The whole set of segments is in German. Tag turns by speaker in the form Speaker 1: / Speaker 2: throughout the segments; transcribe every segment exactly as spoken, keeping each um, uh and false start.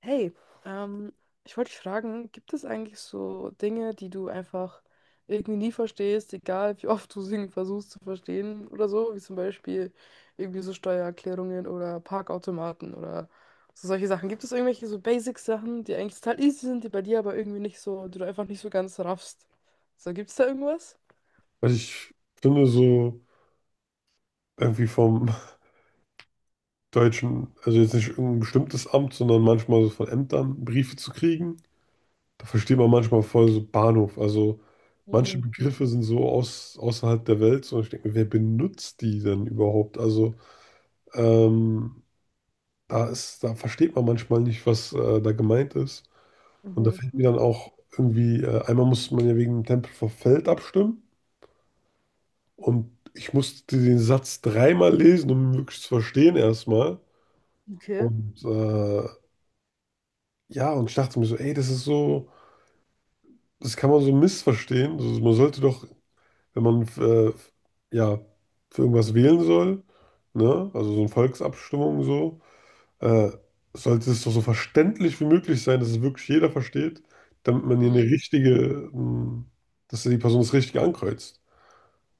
Speaker 1: Hey, ähm, ich wollte dich fragen, gibt es eigentlich so Dinge, die du einfach irgendwie nie verstehst, egal wie oft du sie versuchst zu verstehen oder so, wie zum Beispiel irgendwie so Steuererklärungen oder Parkautomaten oder so solche Sachen. Gibt es irgendwelche so Basic-Sachen, die eigentlich total easy sind, die bei dir aber irgendwie nicht so, die du einfach nicht so ganz raffst? So, gibt es da irgendwas?
Speaker 2: Also ich finde so irgendwie vom deutschen, also jetzt nicht irgendein bestimmtes Amt, sondern manchmal so von Ämtern Briefe zu kriegen, da versteht man manchmal voll so Bahnhof. Also manche
Speaker 1: Hm.
Speaker 2: Begriffe sind so aus, außerhalb der Welt, so ich denke, mir, wer benutzt die denn überhaupt? Also ähm, da ist, da versteht man manchmal nicht, was äh, da gemeint ist. Und da
Speaker 1: Mhm.
Speaker 2: fällt mir dann auch irgendwie, äh, einmal musste man ja wegen dem Tempel vor Feld abstimmen, und ich musste den Satz dreimal lesen, um ihn wirklich zu verstehen erstmal.
Speaker 1: Okay.
Speaker 2: Und äh, ja, und ich dachte mir so, ey, das ist so, das kann man so missverstehen. Also man sollte doch, wenn man äh, ja für irgendwas wählen soll, ne, also so eine Volksabstimmung so, äh, sollte es doch so verständlich wie möglich sein, dass es wirklich jeder versteht, damit man hier eine
Speaker 1: Hm.
Speaker 2: richtige, ähm, dass die Person das Richtige ankreuzt.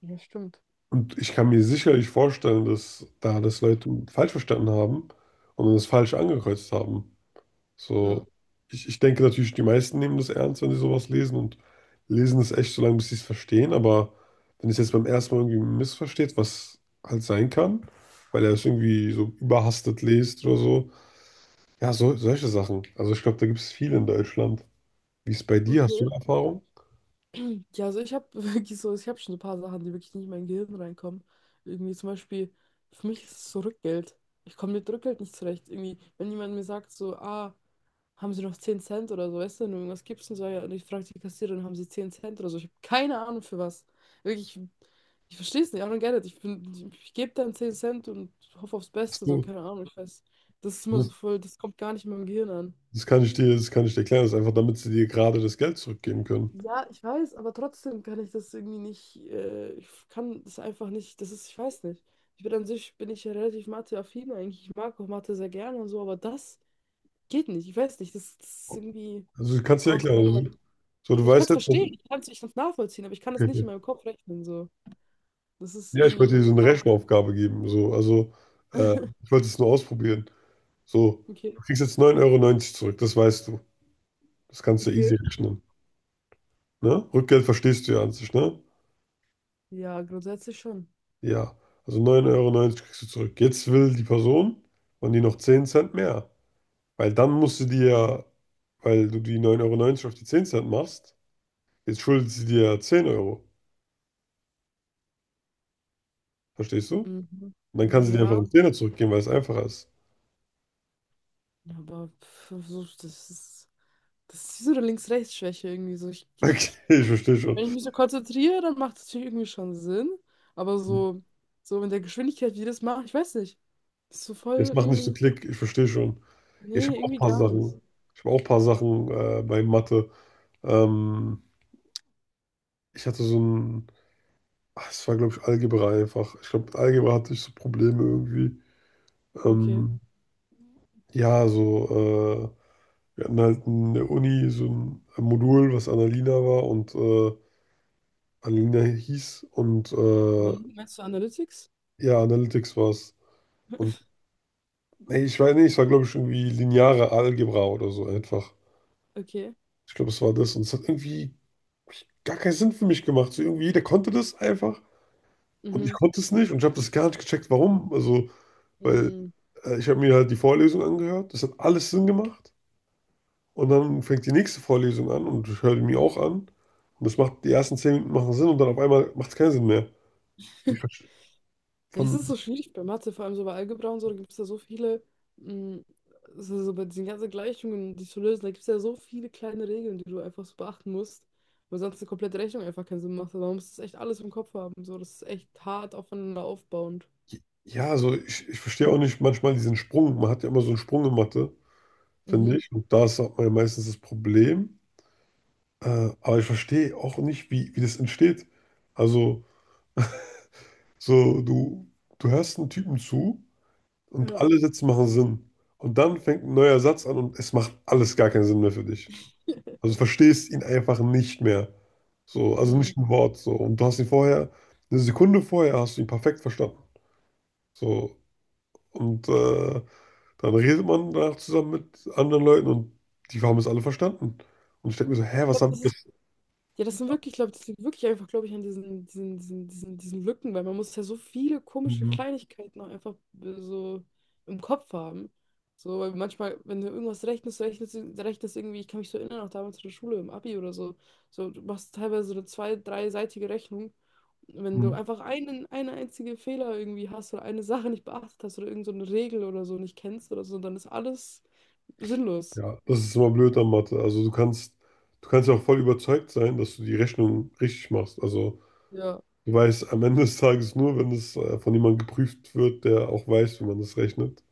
Speaker 1: Ja, stimmt.
Speaker 2: Und ich kann mir sicherlich vorstellen, dass da das Leute falsch verstanden haben und das falsch angekreuzt haben.
Speaker 1: Ja.
Speaker 2: So, ich, ich denke natürlich, die meisten nehmen das ernst, wenn sie sowas lesen, und lesen es echt so lange, bis sie es verstehen. Aber wenn es jetzt beim ersten Mal irgendwie missversteht, was halt sein kann, weil er es irgendwie so überhastet liest oder so. Ja, so, solche Sachen. Also ich glaube, da gibt es viel in Deutschland. Wie ist es bei dir? Hast
Speaker 1: Okay.
Speaker 2: du eine Erfahrung?
Speaker 1: Ja, also ich habe wirklich so, ich habe schon ein paar Sachen, die wirklich nicht in mein Gehirn reinkommen. Irgendwie zum Beispiel, für mich ist es so Rückgeld. Ich komme mit Rückgeld nicht zurecht. Irgendwie, wenn jemand mir sagt so, ah, haben Sie noch zehn Cent oder so, weißt du, wenn du irgendwas gibst und so, ja, und ich frage die Kassiererin, haben Sie zehn Cent oder so. Ich habe keine Ahnung für was. Wirklich, ich ich verstehe es nicht, I don't get it. Ich bin, ich gebe dann zehn Cent und hoffe aufs Beste,
Speaker 2: Hast
Speaker 1: so,
Speaker 2: du?
Speaker 1: keine Ahnung, ich weiß. Das ist immer so
Speaker 2: Das
Speaker 1: voll, das kommt gar nicht in meinem Gehirn an.
Speaker 2: das kann ich dir, das kann ich dir erklären. Das ist einfach, damit sie dir gerade das Geld zurückgeben können.
Speaker 1: Ja, ich weiß, aber trotzdem kann ich das irgendwie nicht, äh, ich kann das einfach nicht, das ist, ich weiß nicht. Ich bin an sich, bin ich ja relativ Mathe-affin eigentlich, ich mag auch Mathe sehr gerne und so, aber das geht nicht, ich weiß nicht, das, das ist irgendwie
Speaker 2: Also du kannst dir erklären.
Speaker 1: außerhalb meiner,
Speaker 2: Also, so, du
Speaker 1: ich kann
Speaker 2: weißt
Speaker 1: es
Speaker 2: jetzt,
Speaker 1: verstehen,
Speaker 2: wenn-
Speaker 1: ich kann es ich kann's nachvollziehen, aber ich kann
Speaker 2: okay,
Speaker 1: das nicht in
Speaker 2: okay.
Speaker 1: meinem Kopf rechnen, so. Das ist
Speaker 2: Ja, ich wollte
Speaker 1: irgendwie,
Speaker 2: dir so
Speaker 1: keine
Speaker 2: eine
Speaker 1: Ahnung.
Speaker 2: Rechenaufgabe geben. So. Also, äh, ich wollte es nur ausprobieren. So,
Speaker 1: Okay,
Speaker 2: du kriegst jetzt neun Euro neunzig zurück, das weißt du. Das kannst du ja easy
Speaker 1: okay.
Speaker 2: rechnen. Ne? Rückgeld verstehst du ja an sich, ne?
Speaker 1: Ja, grundsätzlich schon.
Speaker 2: Ja. Also neun Euro neunzig kriegst du zurück. Jetzt will die Person von dir noch zehn Cent mehr. Weil dann musst du dir, ja, weil du die neun Euro neunzig auf die zehn Cent machst, jetzt schuldet sie dir ja zehn Euro. Verstehst du?
Speaker 1: Mhm.
Speaker 2: Und dann kann sie dir einfach
Speaker 1: Ja,
Speaker 2: einen Zehner zurückgeben, weil es einfacher ist.
Speaker 1: aber pff, so, das ist, das ist so eine Links-Rechts-Schwäche irgendwie, so, ich,
Speaker 2: Okay,
Speaker 1: ich.
Speaker 2: ich verstehe schon.
Speaker 1: Wenn ich mich so konzentriere, dann macht es natürlich irgendwie schon Sinn. Aber so, so in der Geschwindigkeit, wie die das machen, ich weiß nicht. Ist so voll
Speaker 2: Jetzt mach nicht so
Speaker 1: irgendwie.
Speaker 2: Klick, ich verstehe schon. Ich
Speaker 1: Nee,
Speaker 2: habe auch ein
Speaker 1: irgendwie
Speaker 2: paar
Speaker 1: gar nicht.
Speaker 2: Sachen. Ich habe auch ein paar Sachen äh, bei Mathe. Ähm, ich hatte so ein, ach, es war, glaube ich, Algebra einfach. Ich glaube, mit Algebra hatte ich so Probleme irgendwie.
Speaker 1: Okay.
Speaker 2: Ähm, ja, so, äh, wir hatten halt in der Uni so ein Modul, was Annalina war und äh, Annalina hieß, und
Speaker 1: Und
Speaker 2: äh,
Speaker 1: dann meinst du Analytics?
Speaker 2: ja, Analytics war es. Und nee, ich weiß nicht, es war, glaube ich, irgendwie lineare Algebra oder so einfach.
Speaker 1: Okay.
Speaker 2: Ich glaube, es war das, und es hat irgendwie gar keinen Sinn für mich gemacht. So irgendwie, jeder konnte das einfach, und ich
Speaker 1: Mhm.
Speaker 2: konnte es nicht, und ich habe das gar nicht gecheckt, warum. Also, weil
Speaker 1: Hm.
Speaker 2: äh, ich habe mir halt die Vorlesung angehört, das hat alles Sinn gemacht, und dann fängt die nächste Vorlesung an, und ich höre die mir auch an, und das macht, die ersten zehn Minuten machen Sinn, und dann auf einmal macht es keinen Sinn mehr. Ich verstehe
Speaker 1: Ja, das
Speaker 2: von,
Speaker 1: ist so schwierig bei Mathe, vor allem so bei Algebra und so, da gibt es ja so viele, hm, so, so bei diesen ganzen Gleichungen, die zu lösen, da gibt es ja so viele kleine Regeln, die du einfach so beachten musst, weil sonst eine komplette Rechnung einfach keinen Sinn macht. Also man muss das echt alles im Kopf haben. So, das ist echt hart aufeinander aufbauend.
Speaker 2: ja, also ich, ich verstehe auch nicht manchmal diesen Sprung. Man hat ja immer so einen Sprung in Mathe, finde
Speaker 1: Mhm.
Speaker 2: ich, und da ist auch mal meistens das Problem. Äh, aber ich verstehe auch nicht, wie, wie das entsteht. Also, So, du, du hörst einen Typen zu, und
Speaker 1: Ja.
Speaker 2: alle Sätze machen Sinn. Und dann fängt ein neuer Satz an, und es macht alles gar keinen Sinn mehr für dich. Also du verstehst ihn einfach nicht mehr. So, also nicht ein
Speaker 1: Mhm.
Speaker 2: Wort. So. Und du hast ihn vorher, eine Sekunde vorher hast du ihn perfekt verstanden. So. Und äh, dann redet man danach zusammen mit anderen Leuten, und die haben es alle verstanden. Und ich denke mir so, hä,
Speaker 1: Ich
Speaker 2: was
Speaker 1: glaube,
Speaker 2: haben
Speaker 1: das ist, ja, das sind wirklich, glaube ich, das liegt wirklich einfach, glaube ich, an diesen, diesen, diesen, diesen, diesen Lücken, weil man muss ja so viele komische
Speaker 2: wir?
Speaker 1: Kleinigkeiten auch einfach äh, so im Kopf haben. So, weil manchmal, wenn du irgendwas rechnest, rechnest, du- rechnest irgendwie, ich kann mich so erinnern, auch damals in der Schule, im Abi oder so, so, du machst teilweise so eine zwei-, dreiseitige Rechnung. Wenn du einfach einen, eine einzige Fehler irgendwie hast oder eine Sache nicht beachtet hast oder irgend so eine Regel oder so nicht kennst oder so, dann ist alles sinnlos.
Speaker 2: Ja, das ist immer blöd an Mathe. Also du kannst, du kannst ja auch voll überzeugt sein, dass du die Rechnung richtig machst. Also du weißt am Ende des Tages nur, wenn es äh, von jemandem geprüft wird, der auch weiß, wie man das rechnet.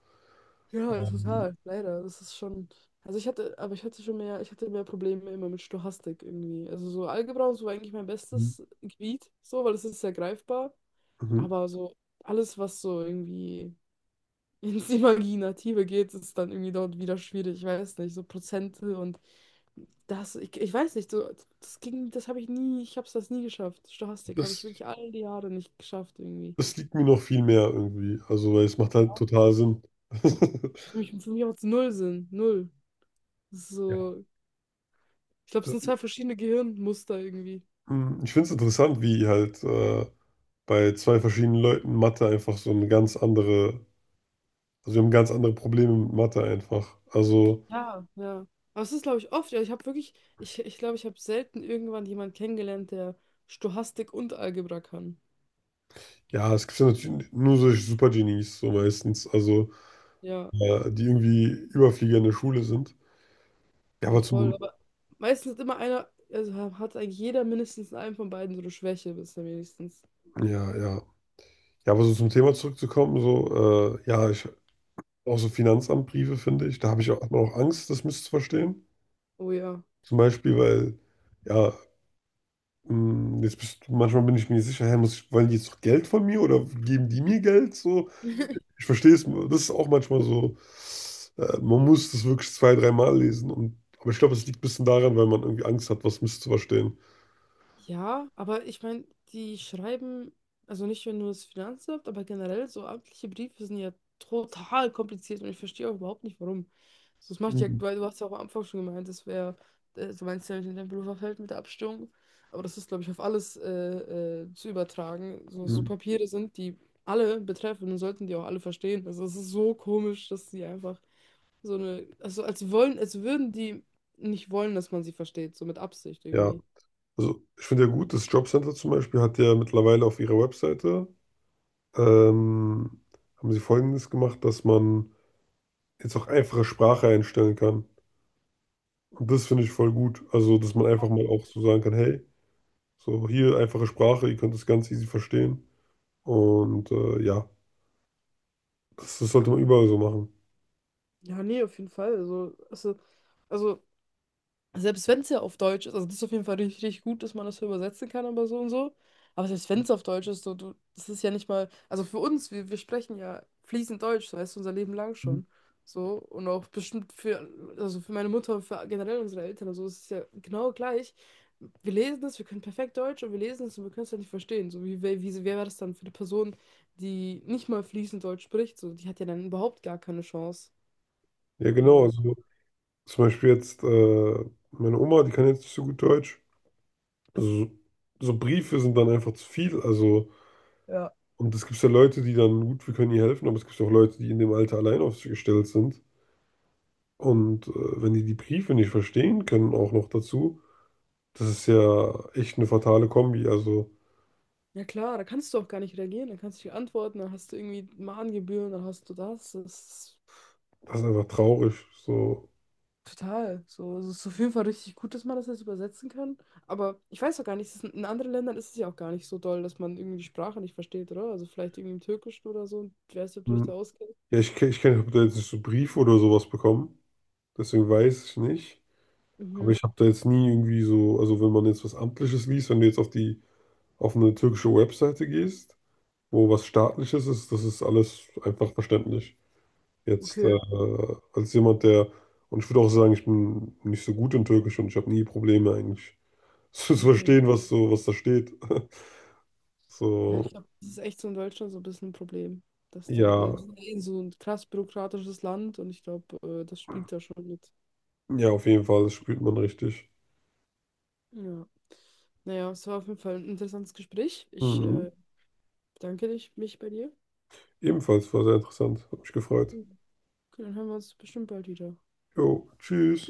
Speaker 1: Ja,
Speaker 2: Ähm,
Speaker 1: total, leider. Das ist schon. Also ich hatte, aber ich hatte schon mehr, ich hatte mehr Probleme immer mit Stochastik irgendwie. Also so Algebra und so war eigentlich mein bestes Gebiet, so, weil es ist sehr greifbar.
Speaker 2: mhm.
Speaker 1: Aber so alles, was so irgendwie ins Imaginative geht, ist dann irgendwie dort wieder schwierig. Ich weiß nicht, so Prozente und das, ich, ich weiß nicht, so, das ging, das habe ich nie, ich habe es das nie geschafft. Stochastik habe ich
Speaker 2: das,
Speaker 1: wirklich all die Jahre nicht geschafft irgendwie.
Speaker 2: das liegt mir noch viel mehr irgendwie. Also weil es macht halt
Speaker 1: Ja.
Speaker 2: total Sinn.
Speaker 1: Für mich, für mich macht es null Sinn, null.
Speaker 2: Ja.
Speaker 1: So. Ich glaube, es sind zwei verschiedene Gehirnmuster irgendwie.
Speaker 2: Mhm. Ich finde es interessant, wie halt äh, bei zwei verschiedenen Leuten Mathe einfach so eine ganz andere, also wir haben ganz andere Probleme mit Mathe einfach. Also
Speaker 1: Ja. Ja. Aber es ist, glaube ich, oft. Ja, ich habe wirklich, ich, ich glaube, ich habe selten irgendwann jemanden kennengelernt, der Stochastik und Algebra kann.
Speaker 2: ja, es gibt ja natürlich nur solche Supergenies, so meistens, also
Speaker 1: Ja,
Speaker 2: äh, die irgendwie Überflieger in der Schule sind. Ja,
Speaker 1: ja,
Speaker 2: aber
Speaker 1: voll.
Speaker 2: zum,
Speaker 1: Aber meistens ist immer einer, also ha- hat eigentlich jeder mindestens einen von beiden so eine Schwäche, bisher wenigstens.
Speaker 2: ja, ja. Ja, aber so zum Thema zurückzukommen, so, äh, ja, ich, auch so Finanzamtbriefe, finde ich, da habe ich auch, hat man auch Angst, das misszuverstehen.
Speaker 1: Oh ja.
Speaker 2: Zum Beispiel, weil, ja, mh, jetzt bist, du, manchmal bin ich mir nicht sicher, hä, muss ich, wollen die jetzt noch Geld von mir, oder geben die mir Geld, so? Ich verstehe es, das ist auch manchmal so, äh, man muss das wirklich zwei, dreimal lesen. Und, aber ich glaube, es liegt ein bisschen daran, weil man irgendwie Angst hat, was misszuverstehen.
Speaker 1: Ja, aber ich meine, die schreiben, also nicht nur das Finanzamt, aber generell so amtliche Briefe sind ja total kompliziert und ich verstehe auch überhaupt nicht, warum. So, das macht ja,
Speaker 2: Mhm.
Speaker 1: weil du hast ja auch am Anfang schon gemeint, das wäre, äh, du meinst ja in deinem Berufsfeld mit der Abstimmung, aber das ist, glaube ich, auf alles äh, äh, zu übertragen. So, so
Speaker 2: Mhm.
Speaker 1: Papiere sind, die alle betreffen und sollten die auch alle verstehen. Also es ist so komisch, dass sie einfach so eine, also als wollen, als würden die nicht wollen, dass man sie versteht, so mit Absicht
Speaker 2: Ja,
Speaker 1: irgendwie.
Speaker 2: also ich finde ja gut, das Jobcenter zum Beispiel hat ja mittlerweile auf ihrer Webseite, ähm, haben sie Folgendes gemacht, dass man jetzt auch einfache Sprache einstellen kann. Und das finde ich voll gut. Also, dass man einfach mal auch so sagen kann, hey, so hier einfache Sprache, ihr könnt das ganz easy verstehen. Und äh, ja, das, das sollte man überall so machen.
Speaker 1: Ja, nee, auf jeden Fall. Also, also, also selbst wenn es ja auf Deutsch ist, also das ist auf jeden Fall richtig, richtig gut, dass man das so übersetzen kann, aber so und so. Aber selbst wenn es auf Deutsch ist, so, du, das ist ja nicht mal, also für uns, wir, wir sprechen ja fließend Deutsch, so heißt unser Leben lang schon. So, und auch bestimmt für, also für meine Mutter und für generell unsere Eltern, also es ist ja genau gleich. Wir lesen es, wir können perfekt Deutsch und wir lesen es und wir können es halt nicht verstehen. So, wie, wie, wie wer wäre das dann für eine Person, die nicht mal fließend Deutsch spricht? So, die hat ja dann überhaupt gar keine Chance.
Speaker 2: Ja, genau.
Speaker 1: So.
Speaker 2: Also zum Beispiel jetzt äh, meine Oma, die kann jetzt nicht so gut Deutsch. Also, so so Briefe sind dann einfach zu viel. Also, und es gibt ja Leute, die dann, gut, wir können ihr helfen, aber es gibt auch Leute, die in dem Alter allein auf sich gestellt sind. Und äh, wenn die die Briefe nicht verstehen können, auch noch dazu, das ist ja echt eine fatale Kombi. Also,
Speaker 1: Ja klar, da kannst du auch gar nicht reagieren, da kannst du nicht antworten, dann hast du irgendwie Mahngebühren, dann hast du das. Das ist
Speaker 2: das ist einfach traurig. So,
Speaker 1: total. So, also, es ist auf jeden Fall richtig gut, dass man das jetzt übersetzen kann. Aber ich weiß auch gar nicht, es ist in in anderen Ländern ist es ja auch gar nicht so doll, dass man irgendwie die Sprache nicht versteht, oder? Also vielleicht irgendwie im Türkischen oder so. Ich weiß nicht, ob du dich da
Speaker 2: hm.
Speaker 1: auskennst.
Speaker 2: ja, ich, ke- ich kenne, ich habe da jetzt nicht so Briefe oder sowas bekommen. Deswegen weiß ich nicht. Aber
Speaker 1: Mhm.
Speaker 2: ich habe da jetzt nie irgendwie so, also wenn man jetzt was Amtliches liest, wenn du jetzt auf die, auf eine türkische Webseite gehst, wo was Staatliches ist, das ist alles einfach verständlich. Jetzt äh,
Speaker 1: Okay,
Speaker 2: als jemand, der, und ich würde auch sagen, ich bin nicht so gut in Türkisch, und ich habe nie Probleme eigentlich zu
Speaker 1: okay.
Speaker 2: verstehen, was so, was da steht.
Speaker 1: Ja, ich
Speaker 2: So,
Speaker 1: glaube, das ist echt so in Deutschland so ein bisschen ein Problem. Dass
Speaker 2: ja,
Speaker 1: da, weil wir sind ja eh so ein krass bürokratisches Land und ich glaube, äh, das spielt da schon mit.
Speaker 2: ja, auf jeden Fall, das spürt man richtig.
Speaker 1: Ja. Naja, es war auf jeden Fall ein interessantes Gespräch. Ich
Speaker 2: Mhm.
Speaker 1: äh, bedanke dich, mich bei dir.
Speaker 2: Ebenfalls war sehr interessant, hat mich gefreut.
Speaker 1: Okay, dann hören wir uns bestimmt bald wieder.
Speaker 2: Jo, tschüss.